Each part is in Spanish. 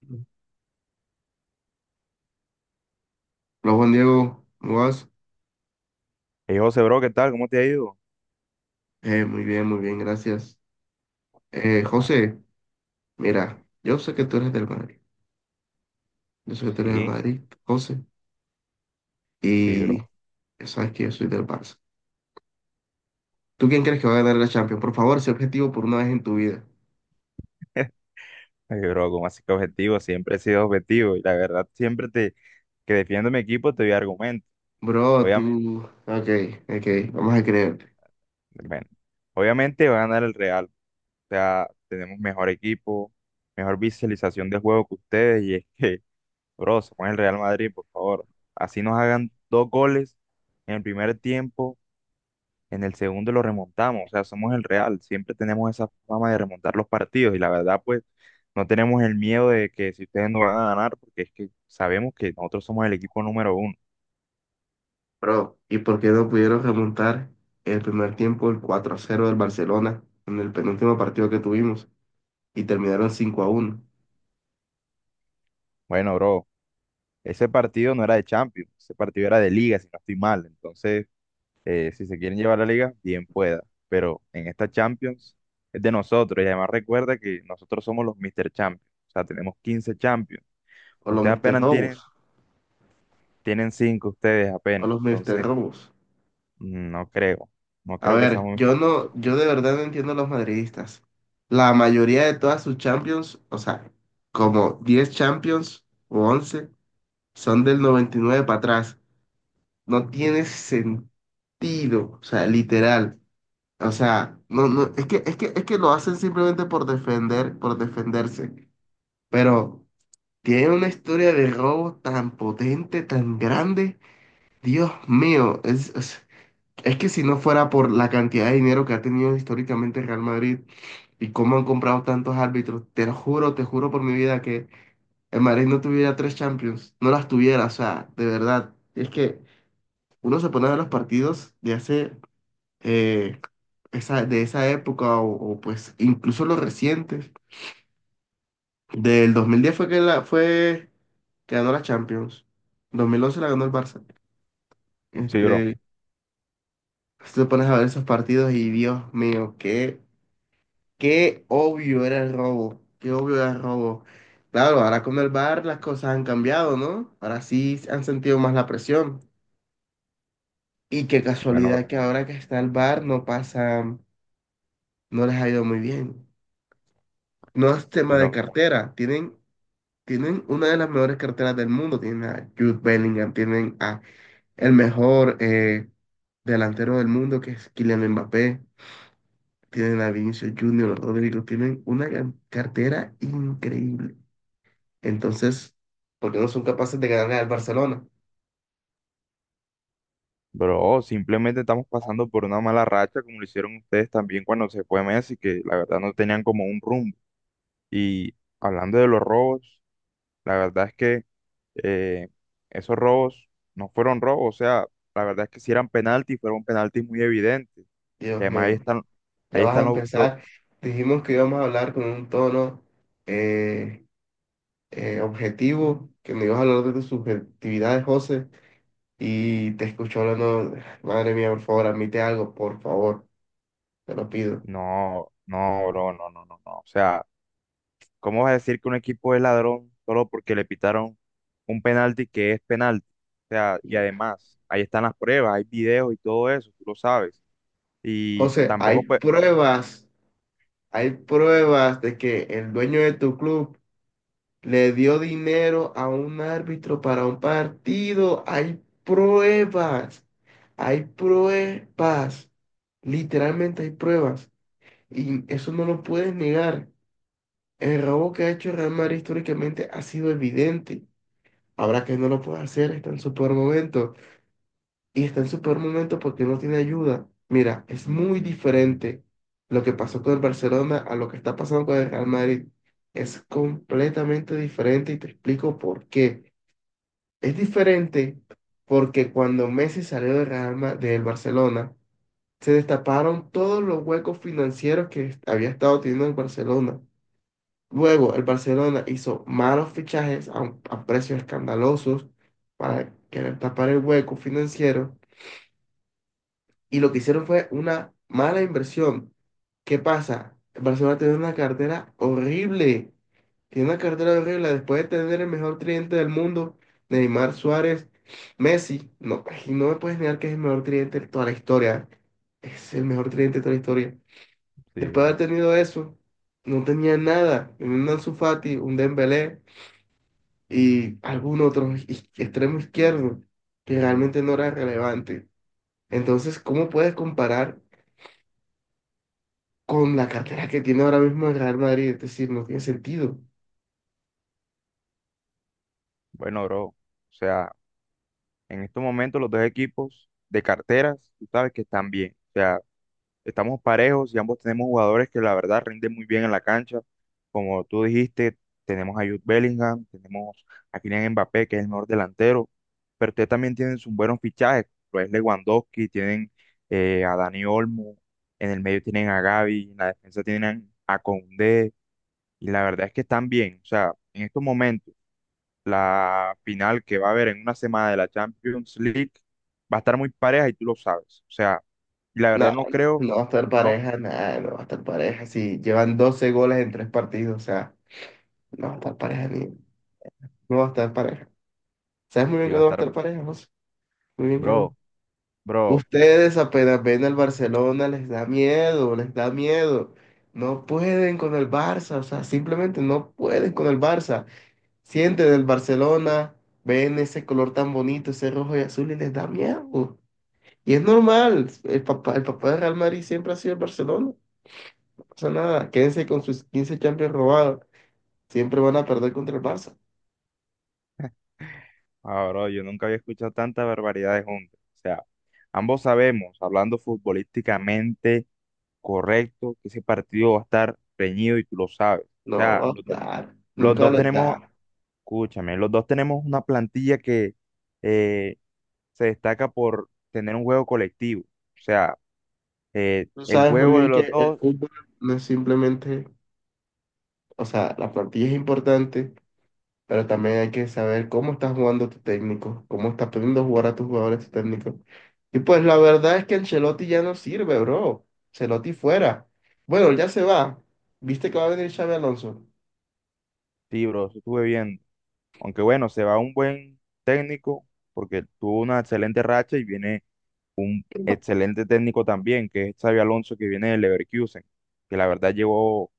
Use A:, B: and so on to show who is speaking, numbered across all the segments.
A: Hola Juan Diego, ¿cómo vas?
B: Hey, José, bro, ¿qué tal? ¿Cómo te ha ido?
A: Muy bien, muy bien, gracias.
B: Ah,
A: José, mira, yo sé que tú eres del
B: sí,
A: Madrid, José,
B: sí,
A: y
B: bro.
A: ya sabes que yo soy del Barça. ¿Tú quién crees que va a ganar la Champions? Por favor, sé objetivo por una vez en tu vida.
B: Ey, bro, como así que objetivo? Siempre he sido objetivo y la verdad, siempre te, que defiendo mi equipo te doy argumentos.
A: Bro,
B: Obviamente,
A: tú, ok, ok, vamos a creerte.
B: bueno, obviamente va a ganar el Real. O sea, tenemos mejor equipo, mejor visualización de juego que ustedes y es que, bro, se pone el Real Madrid, por favor. Así nos hagan dos goles en el primer tiempo. En el segundo lo remontamos, o sea, somos el Real, siempre tenemos esa fama de remontar los partidos y la verdad, pues no tenemos el miedo de que si ustedes no van a ganar, porque es que sabemos que nosotros somos el equipo número uno.
A: Bro, ¿y por qué no pudieron remontar el primer tiempo, el 4-0 del Barcelona, en el penúltimo partido que tuvimos, y terminaron 5-1?
B: Bueno, bro, ese partido no era de Champions, ese partido era de Liga, si no estoy mal. Entonces, si se quieren llevar la Liga, bien pueda, pero en esta Champions es de nosotros y además recuerda que nosotros somos los Mr. Champions, o sea, tenemos 15 Champions.
A: O los
B: Ustedes
A: Mr.
B: apenas
A: Robos,
B: tienen, 5 ustedes
A: o
B: apenas.
A: los Mr.
B: Entonces,
A: Robos.
B: mm, no creo. No
A: A
B: creo que
A: ver,
B: seamos Mr. Robot.
A: yo de verdad no entiendo a los madridistas. La mayoría de todas sus Champions, o sea, como 10 Champions o 11, son del 99 para atrás. No tiene sentido, o sea, literal. O sea, no, no, es que lo hacen simplemente por defender, por defenderse. Pero tiene una historia de robo tan potente, tan grande. Dios mío, es que si no fuera por la cantidad de dinero que ha tenido históricamente el Real Madrid y cómo han comprado tantos árbitros, te lo juro, te juro por mi vida que el Madrid no tuviera tres Champions, no las tuviera, o sea, de verdad. Es que uno se pone a ver los partidos de hace, eh, de esa época pues incluso los recientes. Del 2010 fue que, fue que ganó la Champions, 2011 la ganó el Barça.
B: Sí, bro.
A: Este, si te pones a ver esos partidos y Dios mío, qué. Qué obvio era el robo, qué obvio era el robo. Claro, ahora con el bar las cosas han cambiado, ¿no? Ahora sí han sentido más la presión. Y qué
B: Bueno,
A: casualidad que ahora que está el bar no pasa, no les ha ido muy bien. No es tema de
B: bro,
A: cartera, tienen una de las mejores carteras del mundo, tienen a Jude Bellingham, tienen a el mejor delantero del mundo que es Kylian Mbappé, tienen a Vinicius Junior, Rodrigo, tienen una gran cartera increíble. Entonces, ¿por qué no son capaces de ganarle al Barcelona?
B: bro, simplemente estamos pasando por una mala racha, como lo hicieron ustedes también cuando se fue Messi, que la verdad no tenían como un rumbo. Y hablando de los robos, la verdad es que eh, esos robos no fueron robos. O sea, la verdad es que si eran penaltis, fueron penaltis muy evidentes. Y
A: Dios
B: además ahí
A: mío,
B: están,
A: ya
B: ahí
A: vas a
B: están los, los-
A: empezar. Dijimos que íbamos a hablar con un tono eh, objetivo, que me ibas a hablar de tus subjetividades, José, y te escucho hablando, madre mía, por favor, admite algo, por favor, te lo pido.
B: No, no, bro, no, no, no, no. O sea. ¿Cómo vas a decir que un equipo es ladrón solo porque le pitaron un penalti que es penalti? O sea, y
A: Y,
B: además, ahí están las pruebas, hay videos y todo eso, tú lo sabes. Y
A: José,
B: tampoco, pues,
A: hay pruebas de que el dueño de tu club le dio dinero a un árbitro para un partido. Hay pruebas. Hay pruebas. Literalmente hay pruebas. Y eso no lo puedes negar. El robo que ha hecho el Real Madrid históricamente ha sido evidente. Ahora que no lo puede hacer, está en su peor momento. Y está en su peor momento porque no tiene ayuda. Mira, es muy diferente lo que pasó con el Barcelona a lo que está pasando con el Real Madrid. Es completamente diferente y te explico por qué. Es diferente porque cuando Messi salió del del Barcelona, se destaparon todos los huecos financieros que había estado teniendo el Barcelona. Luego, el Barcelona hizo malos fichajes a precios escandalosos para querer tapar el hueco financiero y lo que hicieron fue una mala inversión. ¿Qué pasa? Barcelona tiene una cartera horrible. Tiene una cartera horrible. Después de tener el mejor tridente del mundo, Neymar Suárez, Messi, no, y no me puedes negar que es el mejor tridente de toda la historia. Es el mejor tridente de toda la historia.
B: sí,
A: Después de
B: bro.
A: haber tenido eso, no tenía nada. Un Ansu Fati, un Dembélé y algún otro extremo izquierdo que realmente no era relevante. Entonces, ¿cómo puedes comparar con la cartera que tiene ahora mismo el Real Madrid, es decir, no tiene sentido.
B: Bueno, bro, o sea, en estos momentos los dos equipos de carteras, tú sabes que están bien. O sea, estamos parejos y ambos tenemos jugadores que la verdad rinden muy bien en la cancha. Como tú dijiste, tenemos a Jude Bellingham, tenemos a Kylian Mbappé, que es el mejor delantero, pero ustedes también tienen sus buenos fichajes, lo es Lewandowski, tienen a Dani Olmo, en el medio tienen a Gavi, en la defensa tienen a Koundé, y la verdad es que están bien. O sea, en estos momentos, la final que va a haber en una semana de la Champions League va a estar muy pareja y tú lo sabes. O sea, y la
A: Nada,
B: verdad no
A: no,
B: creo,
A: no va a estar
B: no,
A: pareja, nada, no va a estar pareja. Si llevan 12 goles en tres partidos, o sea, no va a estar pareja ni, no va a estar pareja. ¿Sabes muy bien
B: que
A: que
B: va
A: no
B: a
A: va a
B: estar.
A: estar pareja, José? Muy bien que
B: Bro,
A: no.
B: bro,
A: Ustedes apenas ven al Barcelona, les da miedo, les da miedo. No pueden con el Barça, o sea, simplemente no pueden con el Barça. Sienten el Barcelona, ven ese color tan bonito, ese rojo y azul y les da miedo. Y es normal, el papá de Real Madrid siempre ha sido el Barcelona. No pasa nada, quédense con sus 15 Champions robados. Siempre van a perder contra el Barça.
B: ah, bro, yo nunca había escuchado tantas barbaridades juntas. O sea, ambos sabemos, hablando futbolísticamente correcto, que ese partido va a estar reñido y tú lo sabes. O
A: No
B: sea,
A: va a estar,
B: los
A: nunca
B: dos
A: lo está.
B: tenemos, escúchame, los dos tenemos una plantilla que eh, se destaca por tener un juego colectivo. O sea,
A: Tú
B: el
A: sabes muy
B: juego de
A: bien
B: los
A: que el
B: dos.
A: fútbol no es simplemente, o sea, la plantilla es importante, pero también hay que saber cómo está jugando tu técnico, cómo está pidiendo jugar a tus jugadores tu técnico. Y pues la verdad es que Ancelotti ya no sirve, bro. Ancelotti fuera. Bueno, ya se va. ¿Viste que va a venir Xavi Alonso?
B: Sí, bro, eso estuve viendo. Aunque bueno, se va un buen técnico porque tuvo una excelente racha y viene un excelente técnico también, que es Xabi Alonso, que viene del Leverkusen, que la verdad llevó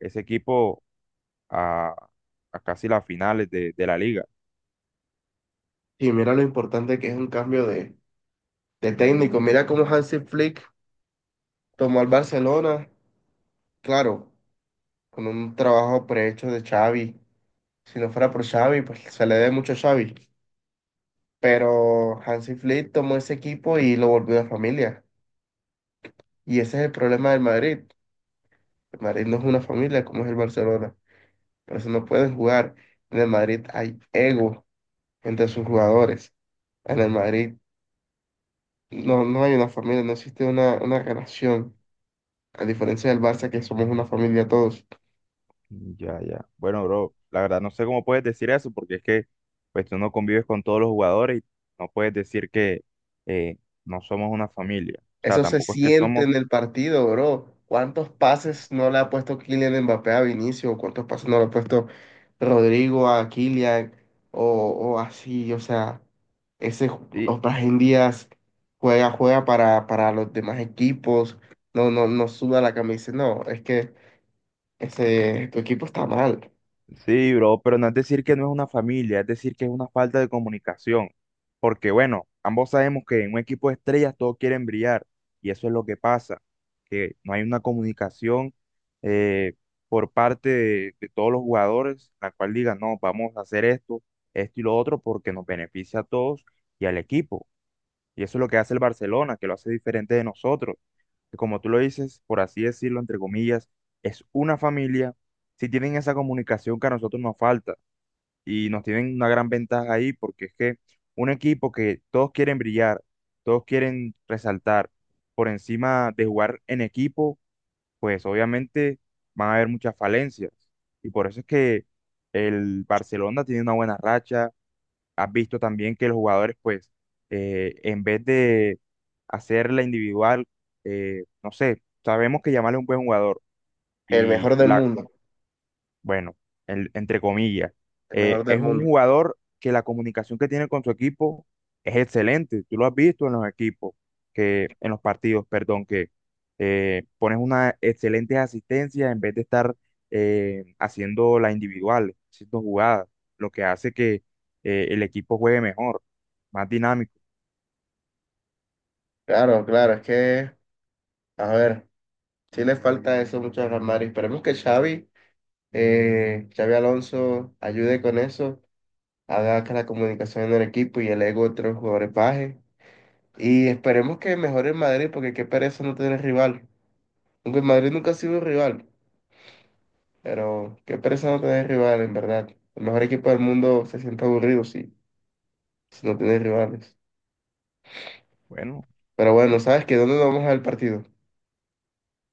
B: ese equipo a, a casi las finales de la liga.
A: Y mira lo importante que es un cambio de técnico. Mira cómo Hansi Flick tomó al Barcelona, claro, con un trabajo prehecho de Xavi. Si no fuera por Xavi, pues se le debe mucho a Xavi. Pero Hansi Flick tomó ese equipo y lo volvió una familia. Y ese es el problema del Madrid. El Madrid no es una familia como es el Barcelona. Por eso no pueden jugar. En el Madrid hay ego entre sus jugadores. En el Madrid no, no hay una familia, no existe una relación. A diferencia del Barça, que somos una familia todos.
B: Ya, ya. Bueno, bro, la verdad no sé cómo puedes decir eso, porque es que pues tú no convives con todos los jugadores y no puedes decir que eh, no somos una familia. O sea,
A: Eso se
B: tampoco es que
A: siente
B: somos,
A: en el partido, bro. ¿Cuántos pases no le ha puesto Kylian Mbappé a Vinicius? ¿Cuántos pases no le ha puesto Rodrigo a Kylian? O, o así, o sea, ese
B: y,
A: en Díaz juega para los demás equipos. No, no, no suda la camisa. No, es que tu equipo está mal.
B: sí, bro, pero no es decir que no es una familia, es decir que es una falta de comunicación. Porque bueno, ambos sabemos que en un equipo de estrellas todos quieren brillar y eso es lo que pasa, que no hay una comunicación eh, por parte de todos los jugadores, la cual diga, no, vamos a hacer esto, esto y lo otro porque nos beneficia a todos y al equipo. Y eso es lo que hace el Barcelona, que lo hace diferente de nosotros que como tú lo dices, por así decirlo, entre comillas, es una familia, si tienen esa comunicación que a nosotros nos falta y nos tienen una gran ventaja ahí, porque es que un equipo que todos quieren brillar, todos quieren resaltar por encima de jugar en equipo, pues obviamente van a haber muchas falencias. Y por eso es que el Barcelona tiene una buena racha, has visto también que los jugadores, pues, en vez de hacer la individual, no sé, sabemos que Yamal es un buen jugador
A: El
B: y
A: mejor del
B: la,
A: mundo.
B: bueno, entre comillas,
A: El mejor del
B: es un
A: mundo.
B: jugador que la comunicación que tiene con su equipo es excelente. Tú lo has visto en los equipos, que, en los partidos, perdón, que pones una excelente asistencia en vez de estar haciendo la individual, haciendo jugadas, lo que hace que el equipo juegue mejor, más dinámico.
A: Claro, claro, es que, a ver. Sí le falta eso mucho a Ramari. Esperemos que Xavi Alonso ayude con eso, haga que la comunicación en el equipo y el ego de otros jugadores baje. Y esperemos que mejore el Madrid, porque qué pereza no tener rival. Aunque el Madrid nunca ha sido un rival, pero qué pereza no tener rival, en verdad. El mejor equipo del mundo se siente aburrido si no tiene rivales.
B: Bueno,
A: Pero bueno, ¿sabes qué? ¿Dónde vamos al partido?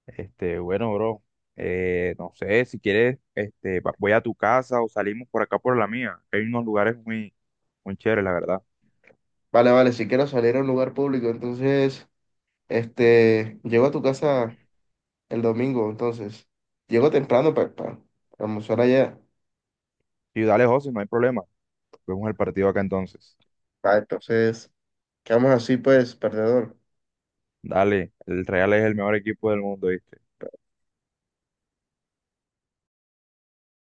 B: bueno, bro, no sé, si quieres, voy a tu casa o salimos por acá por la mía. Hay unos lugares muy, muy chéveres, la verdad.
A: Vale, vale, si quiero salir a un lugar público, entonces, llego a tu casa el domingo, entonces. Llego temprano para almorzar allá.
B: Y dale, José, no hay problema. Vemos el partido acá entonces.
A: Ah, entonces, quedamos así pues, perdedor.
B: Dale, el Real es el mejor equipo del mundo, ¿viste?